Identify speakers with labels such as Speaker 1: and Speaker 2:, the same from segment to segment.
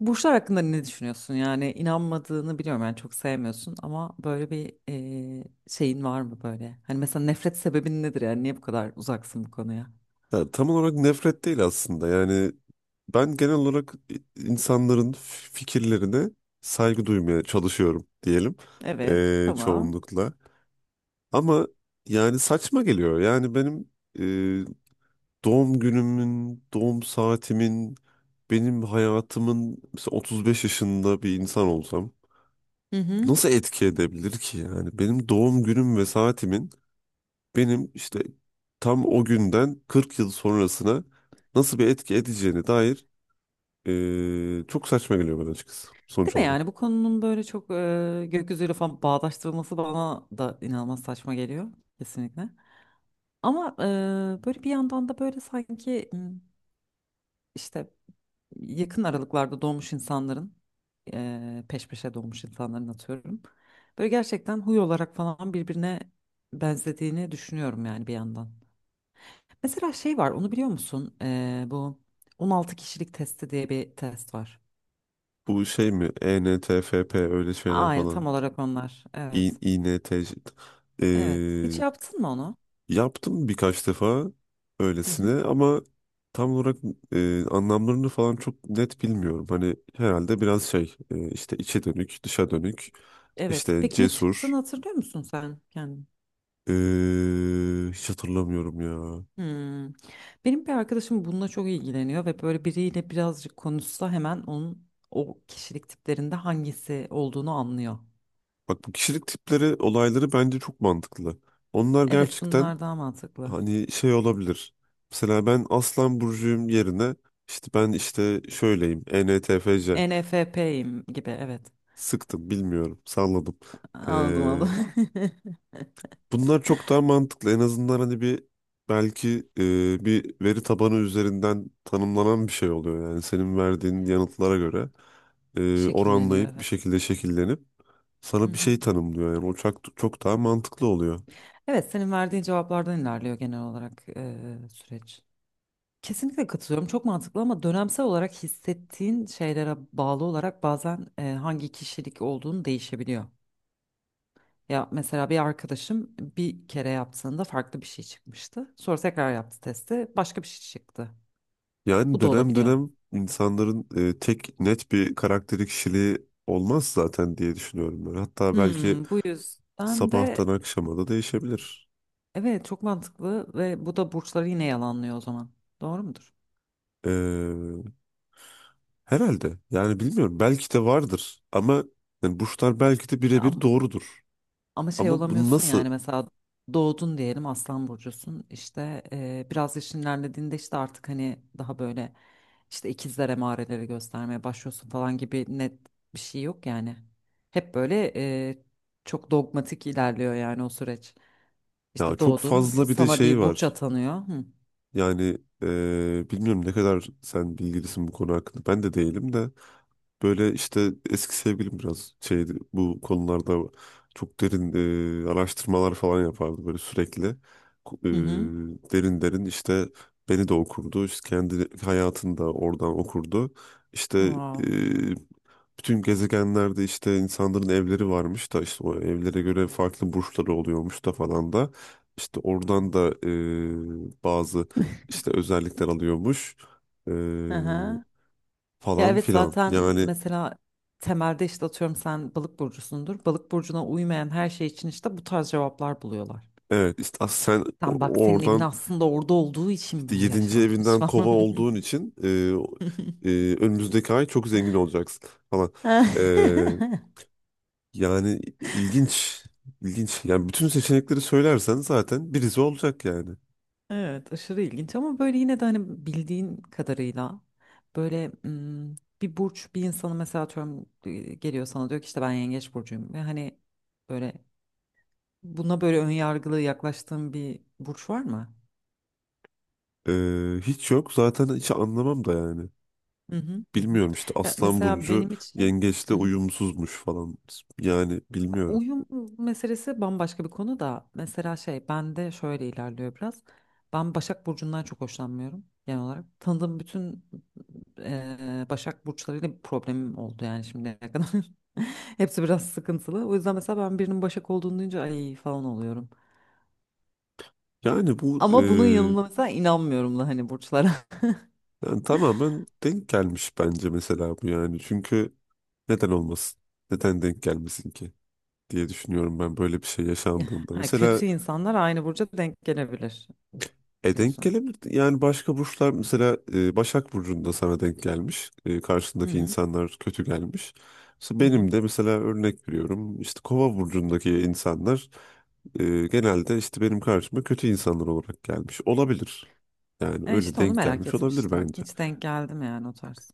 Speaker 1: Burçlar hakkında ne düşünüyorsun? Yani inanmadığını biliyorum yani çok sevmiyorsun ama böyle bir şeyin var mı böyle? Hani mesela nefret sebebin nedir yani niye bu kadar uzaksın bu konuya?
Speaker 2: Ya, tam olarak nefret değil aslında. Yani ben genel olarak insanların fikirlerine saygı duymaya çalışıyorum diyelim,
Speaker 1: Evet, tamam.
Speaker 2: çoğunlukla. Ama yani saçma geliyor. Yani benim doğum günümün, doğum saatimin, benim hayatımın, mesela 35 yaşında bir insan olsam
Speaker 1: Hı hı.
Speaker 2: nasıl etki edebilir ki? Yani benim doğum günüm ve saatimin benim işte tam o günden 40 yıl sonrasına nasıl bir etki edeceğine dair çok saçma geliyor bana açıkçası
Speaker 1: Değil
Speaker 2: sonuç
Speaker 1: mi yani
Speaker 2: olarak.
Speaker 1: bu konunun böyle çok gökyüzüyle falan bağdaştırılması bana da inanılmaz saçma geliyor kesinlikle. Ama böyle bir yandan da böyle sanki işte yakın aralıklarda doğmuş insanların peş peşe doğmuş insanların atıyorum. Böyle gerçekten huy olarak falan birbirine benzediğini düşünüyorum yani bir yandan. Mesela şey var onu biliyor musun? Bu 16 kişilik testi diye bir test var.
Speaker 2: Bu şey mi? ENTFP öyle şeyler
Speaker 1: Aynı tam
Speaker 2: falan.
Speaker 1: olarak onlar. Evet.
Speaker 2: İNTC. E,
Speaker 1: Evet. Hiç yaptın mı onu?
Speaker 2: Yaptım birkaç defa
Speaker 1: Hı hı.
Speaker 2: öylesine, ama tam olarak anlamlarını falan çok net bilmiyorum. Hani herhalde biraz şey, işte içe dönük, dışa dönük,
Speaker 1: Evet.
Speaker 2: işte
Speaker 1: Peki ne çıktığını
Speaker 2: cesur.
Speaker 1: hatırlıyor musun sen? Yani
Speaker 2: E, Hiç hatırlamıyorum ya.
Speaker 1: hmm. Benim bir arkadaşım bununla çok ilgileniyor ve böyle biriyle birazcık konuşsa hemen onun o kişilik tiplerinde hangisi olduğunu anlıyor.
Speaker 2: Bak, bu kişilik tipleri olayları bence çok mantıklı. Onlar
Speaker 1: Evet,
Speaker 2: gerçekten
Speaker 1: bunlar daha mantıklı.
Speaker 2: hani şey olabilir. Mesela ben Aslan Burcu'yum yerine işte ben işte şöyleyim, ENTFC,
Speaker 1: ENFP'yim gibi evet.
Speaker 2: sıktım bilmiyorum salladım.
Speaker 1: Anladım
Speaker 2: Ee,
Speaker 1: anladım.
Speaker 2: Bunlar çok daha mantıklı. En azından hani bir, belki bir veri tabanı üzerinden tanımlanan bir şey oluyor. Yani senin verdiğin yanıtlara göre
Speaker 1: Şekilleniyor
Speaker 2: oranlayıp bir
Speaker 1: evet.
Speaker 2: şekilde şekillenip
Speaker 1: Hı
Speaker 2: sana bir
Speaker 1: hı.
Speaker 2: şey tanımlıyor. Yani o çok, çok daha mantıklı oluyor.
Speaker 1: Evet, senin verdiğin cevaplardan ilerliyor genel olarak süreç. Kesinlikle katılıyorum. Çok mantıklı ama dönemsel olarak hissettiğin şeylere bağlı olarak bazen hangi kişilik olduğunu değişebiliyor. Ya mesela bir arkadaşım bir kere yaptığında farklı bir şey çıkmıştı. Sonra tekrar yaptı testi, başka bir şey çıktı.
Speaker 2: Yani
Speaker 1: Bu da
Speaker 2: dönem
Speaker 1: olabiliyor.
Speaker 2: dönem insanların tek net bir karakteri, kişiliği olmaz zaten diye düşünüyorum ben. Hatta belki
Speaker 1: Hmm, bu yüzden
Speaker 2: sabahtan
Speaker 1: de
Speaker 2: akşama da değişebilir.
Speaker 1: evet çok mantıklı ve bu da burçları yine yalanlıyor o zaman. Doğru mudur?
Speaker 2: Ee, Herhalde. Yani bilmiyorum. Belki de vardır. Ama yani burçlar belki de
Speaker 1: Ya,
Speaker 2: birebir doğrudur.
Speaker 1: ama şey
Speaker 2: Ama bu
Speaker 1: olamıyorsun yani
Speaker 2: nasıl?
Speaker 1: mesela doğdun diyelim Aslan burcusun işte biraz yaşın ilerlediğinde işte artık hani daha böyle işte ikizler emareleri göstermeye başlıyorsun falan gibi net bir şey yok yani. Hep böyle e, çok dogmatik ilerliyor yani o süreç.
Speaker 2: Ya
Speaker 1: İşte
Speaker 2: çok
Speaker 1: doğdun
Speaker 2: fazla bir de
Speaker 1: sana
Speaker 2: şey
Speaker 1: bir burç
Speaker 2: var.
Speaker 1: atanıyor. Hı
Speaker 2: Yani bilmiyorum ne kadar sen bilgilisin bu konu hakkında. Ben de değilim de. Böyle işte eski sevgilim biraz şeydi bu konularda, çok derin araştırmalar falan yapardı böyle sürekli. Ku-
Speaker 1: hı. hı.
Speaker 2: Derin derin işte beni de okurdu, işte kendi hayatını da oradan okurdu. İşte
Speaker 1: Wow.
Speaker 2: e, bütün gezegenlerde işte insanların evleri varmış da işte o evlere göre farklı burçları oluyormuş da falan da. İşte oradan da bazı işte özellikler alıyormuş. E,
Speaker 1: Hı hı. Ya
Speaker 2: Falan
Speaker 1: evet
Speaker 2: filan.
Speaker 1: zaten
Speaker 2: Yani
Speaker 1: mesela temelde işte atıyorum sen balık burcusundur. Balık burcuna uymayan her şey için işte bu tarz cevaplar buluyorlar.
Speaker 2: evet, işte sen
Speaker 1: Tam bak senin evin
Speaker 2: oradan
Speaker 1: aslında orada olduğu için
Speaker 2: işte
Speaker 1: bu
Speaker 2: 7.
Speaker 1: yaşanmış
Speaker 2: evinden kova
Speaker 1: falan.
Speaker 2: olduğun için e, önümüzdeki ay çok zengin olacaksın falan. E, Yani ilginç, ilginç. Yani bütün seçenekleri söylersen zaten birisi olacak yani.
Speaker 1: Evet, aşırı ilginç ama böyle yine de hani bildiğin kadarıyla böyle bir burç bir insanı mesela atıyorum geliyor sana diyor ki işte ben yengeç burcuyum ve hani böyle buna böyle ön yargılı yaklaştığın bir burç var mı?
Speaker 2: E, Hiç yok, zaten hiç anlamam da yani.
Speaker 1: Hı hı, hı hı.
Speaker 2: Bilmiyorum, işte
Speaker 1: Ya
Speaker 2: Aslan
Speaker 1: mesela
Speaker 2: Burcu
Speaker 1: benim için
Speaker 2: yengeçle
Speaker 1: hı hı.
Speaker 2: uyumsuzmuş falan, yani bilmiyorum.
Speaker 1: Uyum meselesi bambaşka bir konu da mesela şey bende şöyle ilerliyor biraz. Ben Başak Burcu'ndan çok hoşlanmıyorum genel olarak. Tanıdığım bütün Başak Burçlarıyla bir problemim oldu yani şimdiye kadar. Hepsi biraz sıkıntılı. O yüzden mesela ben birinin Başak olduğunu duyunca ay falan oluyorum.
Speaker 2: Yani bu,
Speaker 1: Ama bunun yanında mesela inanmıyorum da hani burçlara.
Speaker 2: yani tamamen denk gelmiş bence mesela bu yani. Çünkü neden olmasın? Neden denk gelmesin ki diye düşünüyorum ben böyle bir şey
Speaker 1: Ya,
Speaker 2: yaşandığında.
Speaker 1: ha,
Speaker 2: Mesela
Speaker 1: kötü insanlar aynı burca denk gelebilir
Speaker 2: e denk
Speaker 1: diyorsun.
Speaker 2: gelebilir. Yani başka burçlar mesela, Başak Burcu'nda sana denk gelmiş. E,
Speaker 1: Hı
Speaker 2: karşındaki
Speaker 1: hı,
Speaker 2: insanlar kötü gelmiş. Mesela
Speaker 1: hı hı.
Speaker 2: benim de, mesela örnek veriyorum, işte Kova Burcu'ndaki insanlar genelde işte benim karşıma kötü insanlar olarak gelmiş. Olabilir. Yani
Speaker 1: E
Speaker 2: öyle
Speaker 1: işte onu
Speaker 2: denk
Speaker 1: merak
Speaker 2: gelmiş olabilir
Speaker 1: etmiştim.
Speaker 2: bence.
Speaker 1: Hiç denk geldim yani o tarz.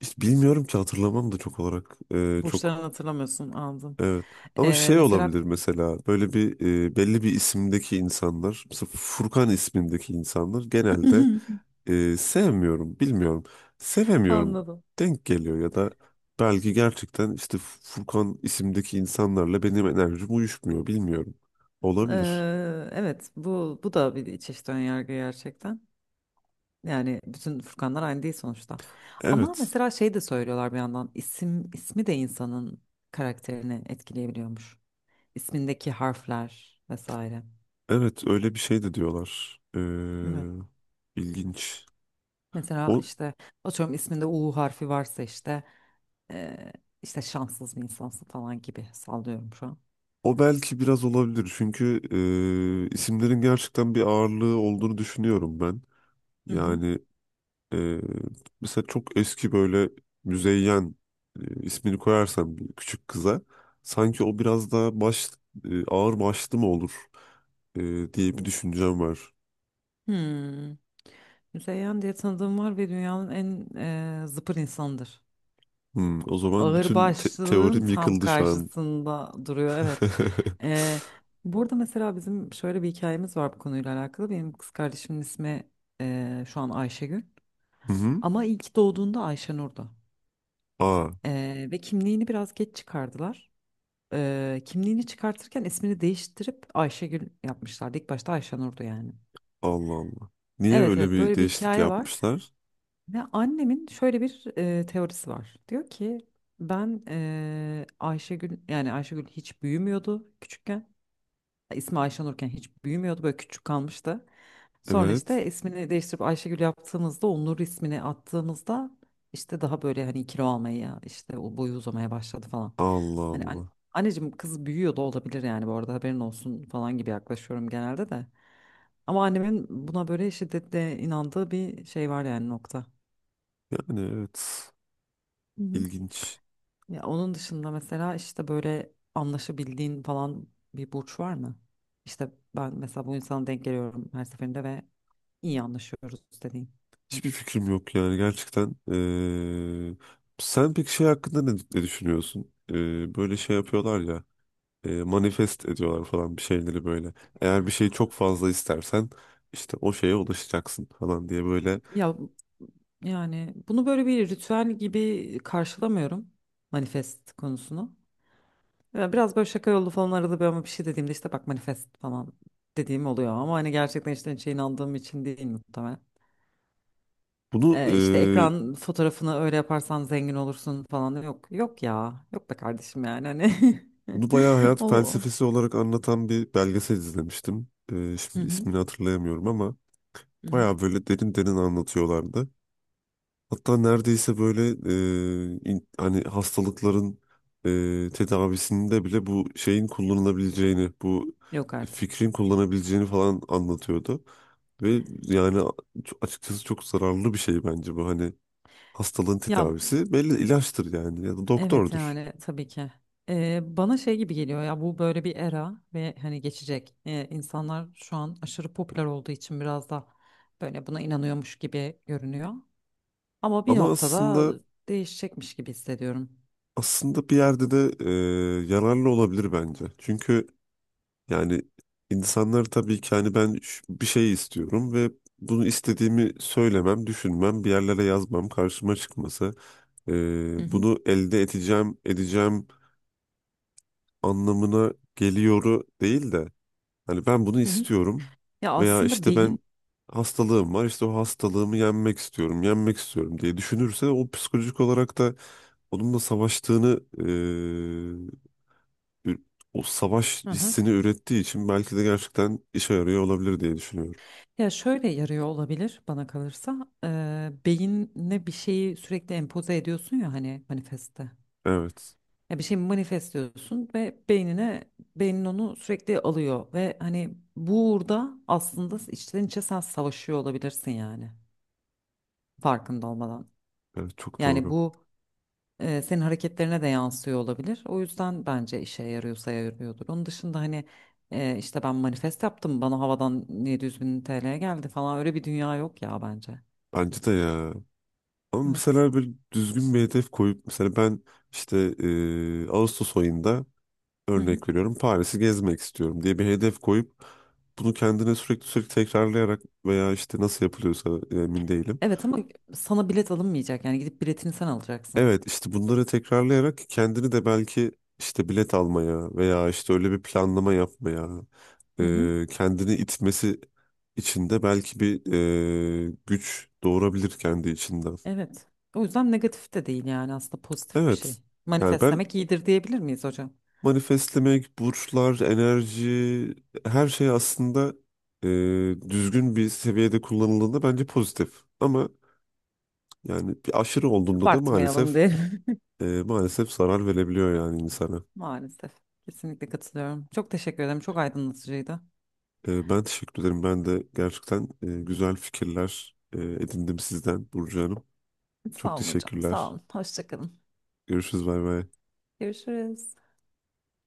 Speaker 2: Hiç bilmiyorum ki, hatırlamam da çok olarak.
Speaker 1: Burçlarını
Speaker 2: Çok
Speaker 1: hatırlamıyorsun anladım.
Speaker 2: evet. Ama şey
Speaker 1: Mesela
Speaker 2: olabilir, mesela böyle bir, belli bir isimdeki insanlar, mesela Furkan ismindeki insanlar genelde sevmiyorum, bilmiyorum. Sevemiyorum,
Speaker 1: anladım.
Speaker 2: denk geliyor, ya da belki gerçekten işte Furkan isimdeki insanlarla benim enerjim uyuşmuyor, bilmiyorum. Olabilir.
Speaker 1: Evet bu da bir çeşit önyargı gerçekten. Yani bütün Furkanlar aynı değil sonuçta. Ama
Speaker 2: Evet.
Speaker 1: mesela şey de söylüyorlar bir yandan isim de insanın karakterini etkileyebiliyormuş. İsmindeki harfler vesaire.
Speaker 2: Evet, öyle bir şey de diyorlar.
Speaker 1: Evet.
Speaker 2: İlginç.
Speaker 1: Mesela
Speaker 2: O,
Speaker 1: işte atıyorum isminde U harfi varsa işte e, işte şanssız bir insansın falan gibi sallıyorum şu an.
Speaker 2: O belki biraz olabilir, çünkü isimlerin gerçekten bir ağırlığı olduğunu düşünüyorum ben.
Speaker 1: Hı hı.
Speaker 2: Yani e, mesela çok eski, böyle Müzeyyen ismini koyarsam bir küçük kıza, sanki o biraz daha baş, ağır başlı mı olur e, diye bir düşüncem var.
Speaker 1: Hmm. Müzeyyen diye tanıdığım var ve dünyanın en zıpır insanıdır.
Speaker 2: Hmm, o zaman bütün
Speaker 1: Ağırbaşlılığın
Speaker 2: teorim
Speaker 1: tam
Speaker 2: yıkıldı şu an.
Speaker 1: karşısında duruyor, evet. E, burada mesela bizim şöyle bir hikayemiz var bu konuyla alakalı. Benim kız kardeşimin ismi şu an Ayşegül.
Speaker 2: Hı hı.
Speaker 1: Ama ilk doğduğunda Ayşenur'du.
Speaker 2: Aa,
Speaker 1: Ve kimliğini biraz geç çıkardılar. Kimliğini çıkartırken ismini değiştirip Ayşegül yapmışlardı. İlk başta Ayşenur'du yani.
Speaker 2: Allah Allah. Niye
Speaker 1: Evet
Speaker 2: öyle
Speaker 1: evet
Speaker 2: bir
Speaker 1: böyle bir
Speaker 2: değişiklik
Speaker 1: hikaye var.
Speaker 2: yapmışlar?
Speaker 1: Ve annemin şöyle bir teorisi var. Diyor ki ben Ayşegül yani Ayşegül hiç büyümüyordu küçükken. Ha, İsmi Ayşenurken hiç büyümüyordu böyle küçük kalmıştı. Sonra
Speaker 2: Evet.
Speaker 1: işte ismini değiştirip Ayşegül yaptığımızda Onur ismini attığımızda işte daha böyle hani kilo almaya işte o boyu uzamaya başladı falan.
Speaker 2: Allah
Speaker 1: Hani an-
Speaker 2: Allah.
Speaker 1: Anneciğim kız büyüyor da olabilir yani bu arada haberin olsun falan gibi yaklaşıyorum genelde de. Ama annemin buna böyle şiddetle inandığı bir şey var yani nokta.
Speaker 2: Yani evet. İlginç.
Speaker 1: Ya onun dışında mesela işte böyle anlaşabildiğin falan bir burç var mı? İşte ben mesela bu insana denk geliyorum her seferinde ve iyi anlaşıyoruz dediğin.
Speaker 2: Hiçbir fikrim yok yani gerçekten. Sen peki şey hakkında ne düşünüyorsun? Böyle şey yapıyorlar ya, manifest ediyorlar falan bir şeyleri böyle. Eğer bir şeyi çok fazla istersen işte o şeye ulaşacaksın falan diye böyle.
Speaker 1: Ya yani bunu böyle bir ritüel gibi karşılamıyorum manifest konusunu. Ya biraz böyle şaka yollu falan arada bir ama bir şey dediğimde işte bak manifest falan dediğim oluyor ama hani gerçekten işte şeyin inandığım için değil muhtemelen.
Speaker 2: Bunu e,
Speaker 1: İşte ekran fotoğrafını öyle yaparsan zengin olursun falan yok yok ya yok be kardeşim yani hani
Speaker 2: Bunu bayağı hayat
Speaker 1: ol ol.
Speaker 2: felsefesi olarak anlatan bir belgesel izlemiştim.
Speaker 1: Hı
Speaker 2: Şimdi
Speaker 1: hı,
Speaker 2: ismini hatırlayamıyorum ama
Speaker 1: hı hı.
Speaker 2: bayağı böyle derin derin anlatıyorlardı. Hatta neredeyse böyle hani hastalıkların tedavisinde bile bu şeyin kullanılabileceğini, bu
Speaker 1: Yok artık
Speaker 2: fikrin kullanabileceğini falan anlatıyordu. Ve yani açıkçası çok zararlı bir şey bence bu. Hani hastalığın
Speaker 1: ya
Speaker 2: tedavisi belli ilaçtır yani, ya da
Speaker 1: evet
Speaker 2: doktordur.
Speaker 1: yani tabii ki bana şey gibi geliyor ya bu böyle bir era ve hani geçecek. İnsanlar şu an aşırı popüler olduğu için biraz da böyle buna inanıyormuş gibi görünüyor ama bir
Speaker 2: Ama
Speaker 1: noktada değişecekmiş gibi hissediyorum.
Speaker 2: aslında bir yerde de yararlı olabilir bence. Çünkü yani insanlar tabii ki, hani ben bir şey istiyorum ve bunu istediğimi söylemem, düşünmem, bir yerlere yazmam, karşıma çıkması,
Speaker 1: Hı hı,
Speaker 2: bunu elde edeceğim, edeceğim anlamına geliyoru değil de, hani ben bunu
Speaker 1: hı hı.
Speaker 2: istiyorum
Speaker 1: Ya
Speaker 2: veya
Speaker 1: aslında
Speaker 2: işte ben
Speaker 1: beyin
Speaker 2: hastalığım var, işte o hastalığımı yenmek istiyorum, yenmek istiyorum diye düşünürse, o psikolojik olarak da onunla savaştığını, ü- o savaş hissini ürettiği için belki de gerçekten işe yarıyor olabilir diye düşünüyorum.
Speaker 1: ya şöyle yarıyor olabilir bana kalırsa. Beynine bir şeyi sürekli empoze ediyorsun ya hani manifeste.
Speaker 2: Evet.
Speaker 1: Ya bir şey manifestliyorsun ve beynin onu sürekli alıyor ve hani burada aslında içten içe sen savaşıyor olabilirsin yani farkında olmadan.
Speaker 2: Evet, çok
Speaker 1: Yani
Speaker 2: doğru.
Speaker 1: bu senin hareketlerine de yansıyor olabilir. O yüzden bence işe yarıyorsa yarıyordur. Onun dışında hani işte ben manifest yaptım bana havadan 700 bin TL geldi falan öyle bir dünya yok ya bence.
Speaker 2: Bence de ya. Ama
Speaker 1: Evet.
Speaker 2: mesela bir düzgün bir hedef koyup, mesela ben işte Ağustos ayında
Speaker 1: Hı hı.
Speaker 2: örnek veriyorum Paris'i gezmek istiyorum diye bir hedef koyup, bunu kendine sürekli sürekli tekrarlayarak veya işte nasıl yapılıyorsa, emin değilim.
Speaker 1: Evet ama sana bilet alınmayacak yani gidip biletini sen alacaksın.
Speaker 2: Evet işte bunları tekrarlayarak kendini de belki işte bilet almaya veya işte öyle bir planlama yapmaya
Speaker 1: Hı hı.
Speaker 2: kendini itmesi için de belki bir güç doğurabilir kendi içinden.
Speaker 1: Evet. O yüzden negatif de değil yani aslında pozitif bir
Speaker 2: Evet,
Speaker 1: şey.
Speaker 2: yani ben
Speaker 1: Manifestlemek iyidir diyebilir miyiz hocam?
Speaker 2: manifestlemek, burçlar, enerji, her şey aslında e, düzgün bir seviyede kullanıldığında bence pozitif. Ama yani bir aşırı olduğunda da
Speaker 1: Abartmayalım
Speaker 2: maalesef
Speaker 1: diye.
Speaker 2: maalesef zarar verebiliyor yani insana.
Speaker 1: Maalesef. Kesinlikle katılıyorum. Çok teşekkür ederim. Çok aydınlatıcıydı.
Speaker 2: Ben teşekkür ederim. Ben de gerçekten güzel fikirler edindim sizden Burcu Hanım. Çok
Speaker 1: Sağ olun hocam. Sağ
Speaker 2: teşekkürler.
Speaker 1: olun. Hoşça kalın.
Speaker 2: Görüşürüz. Bay bay.
Speaker 1: Görüşürüz.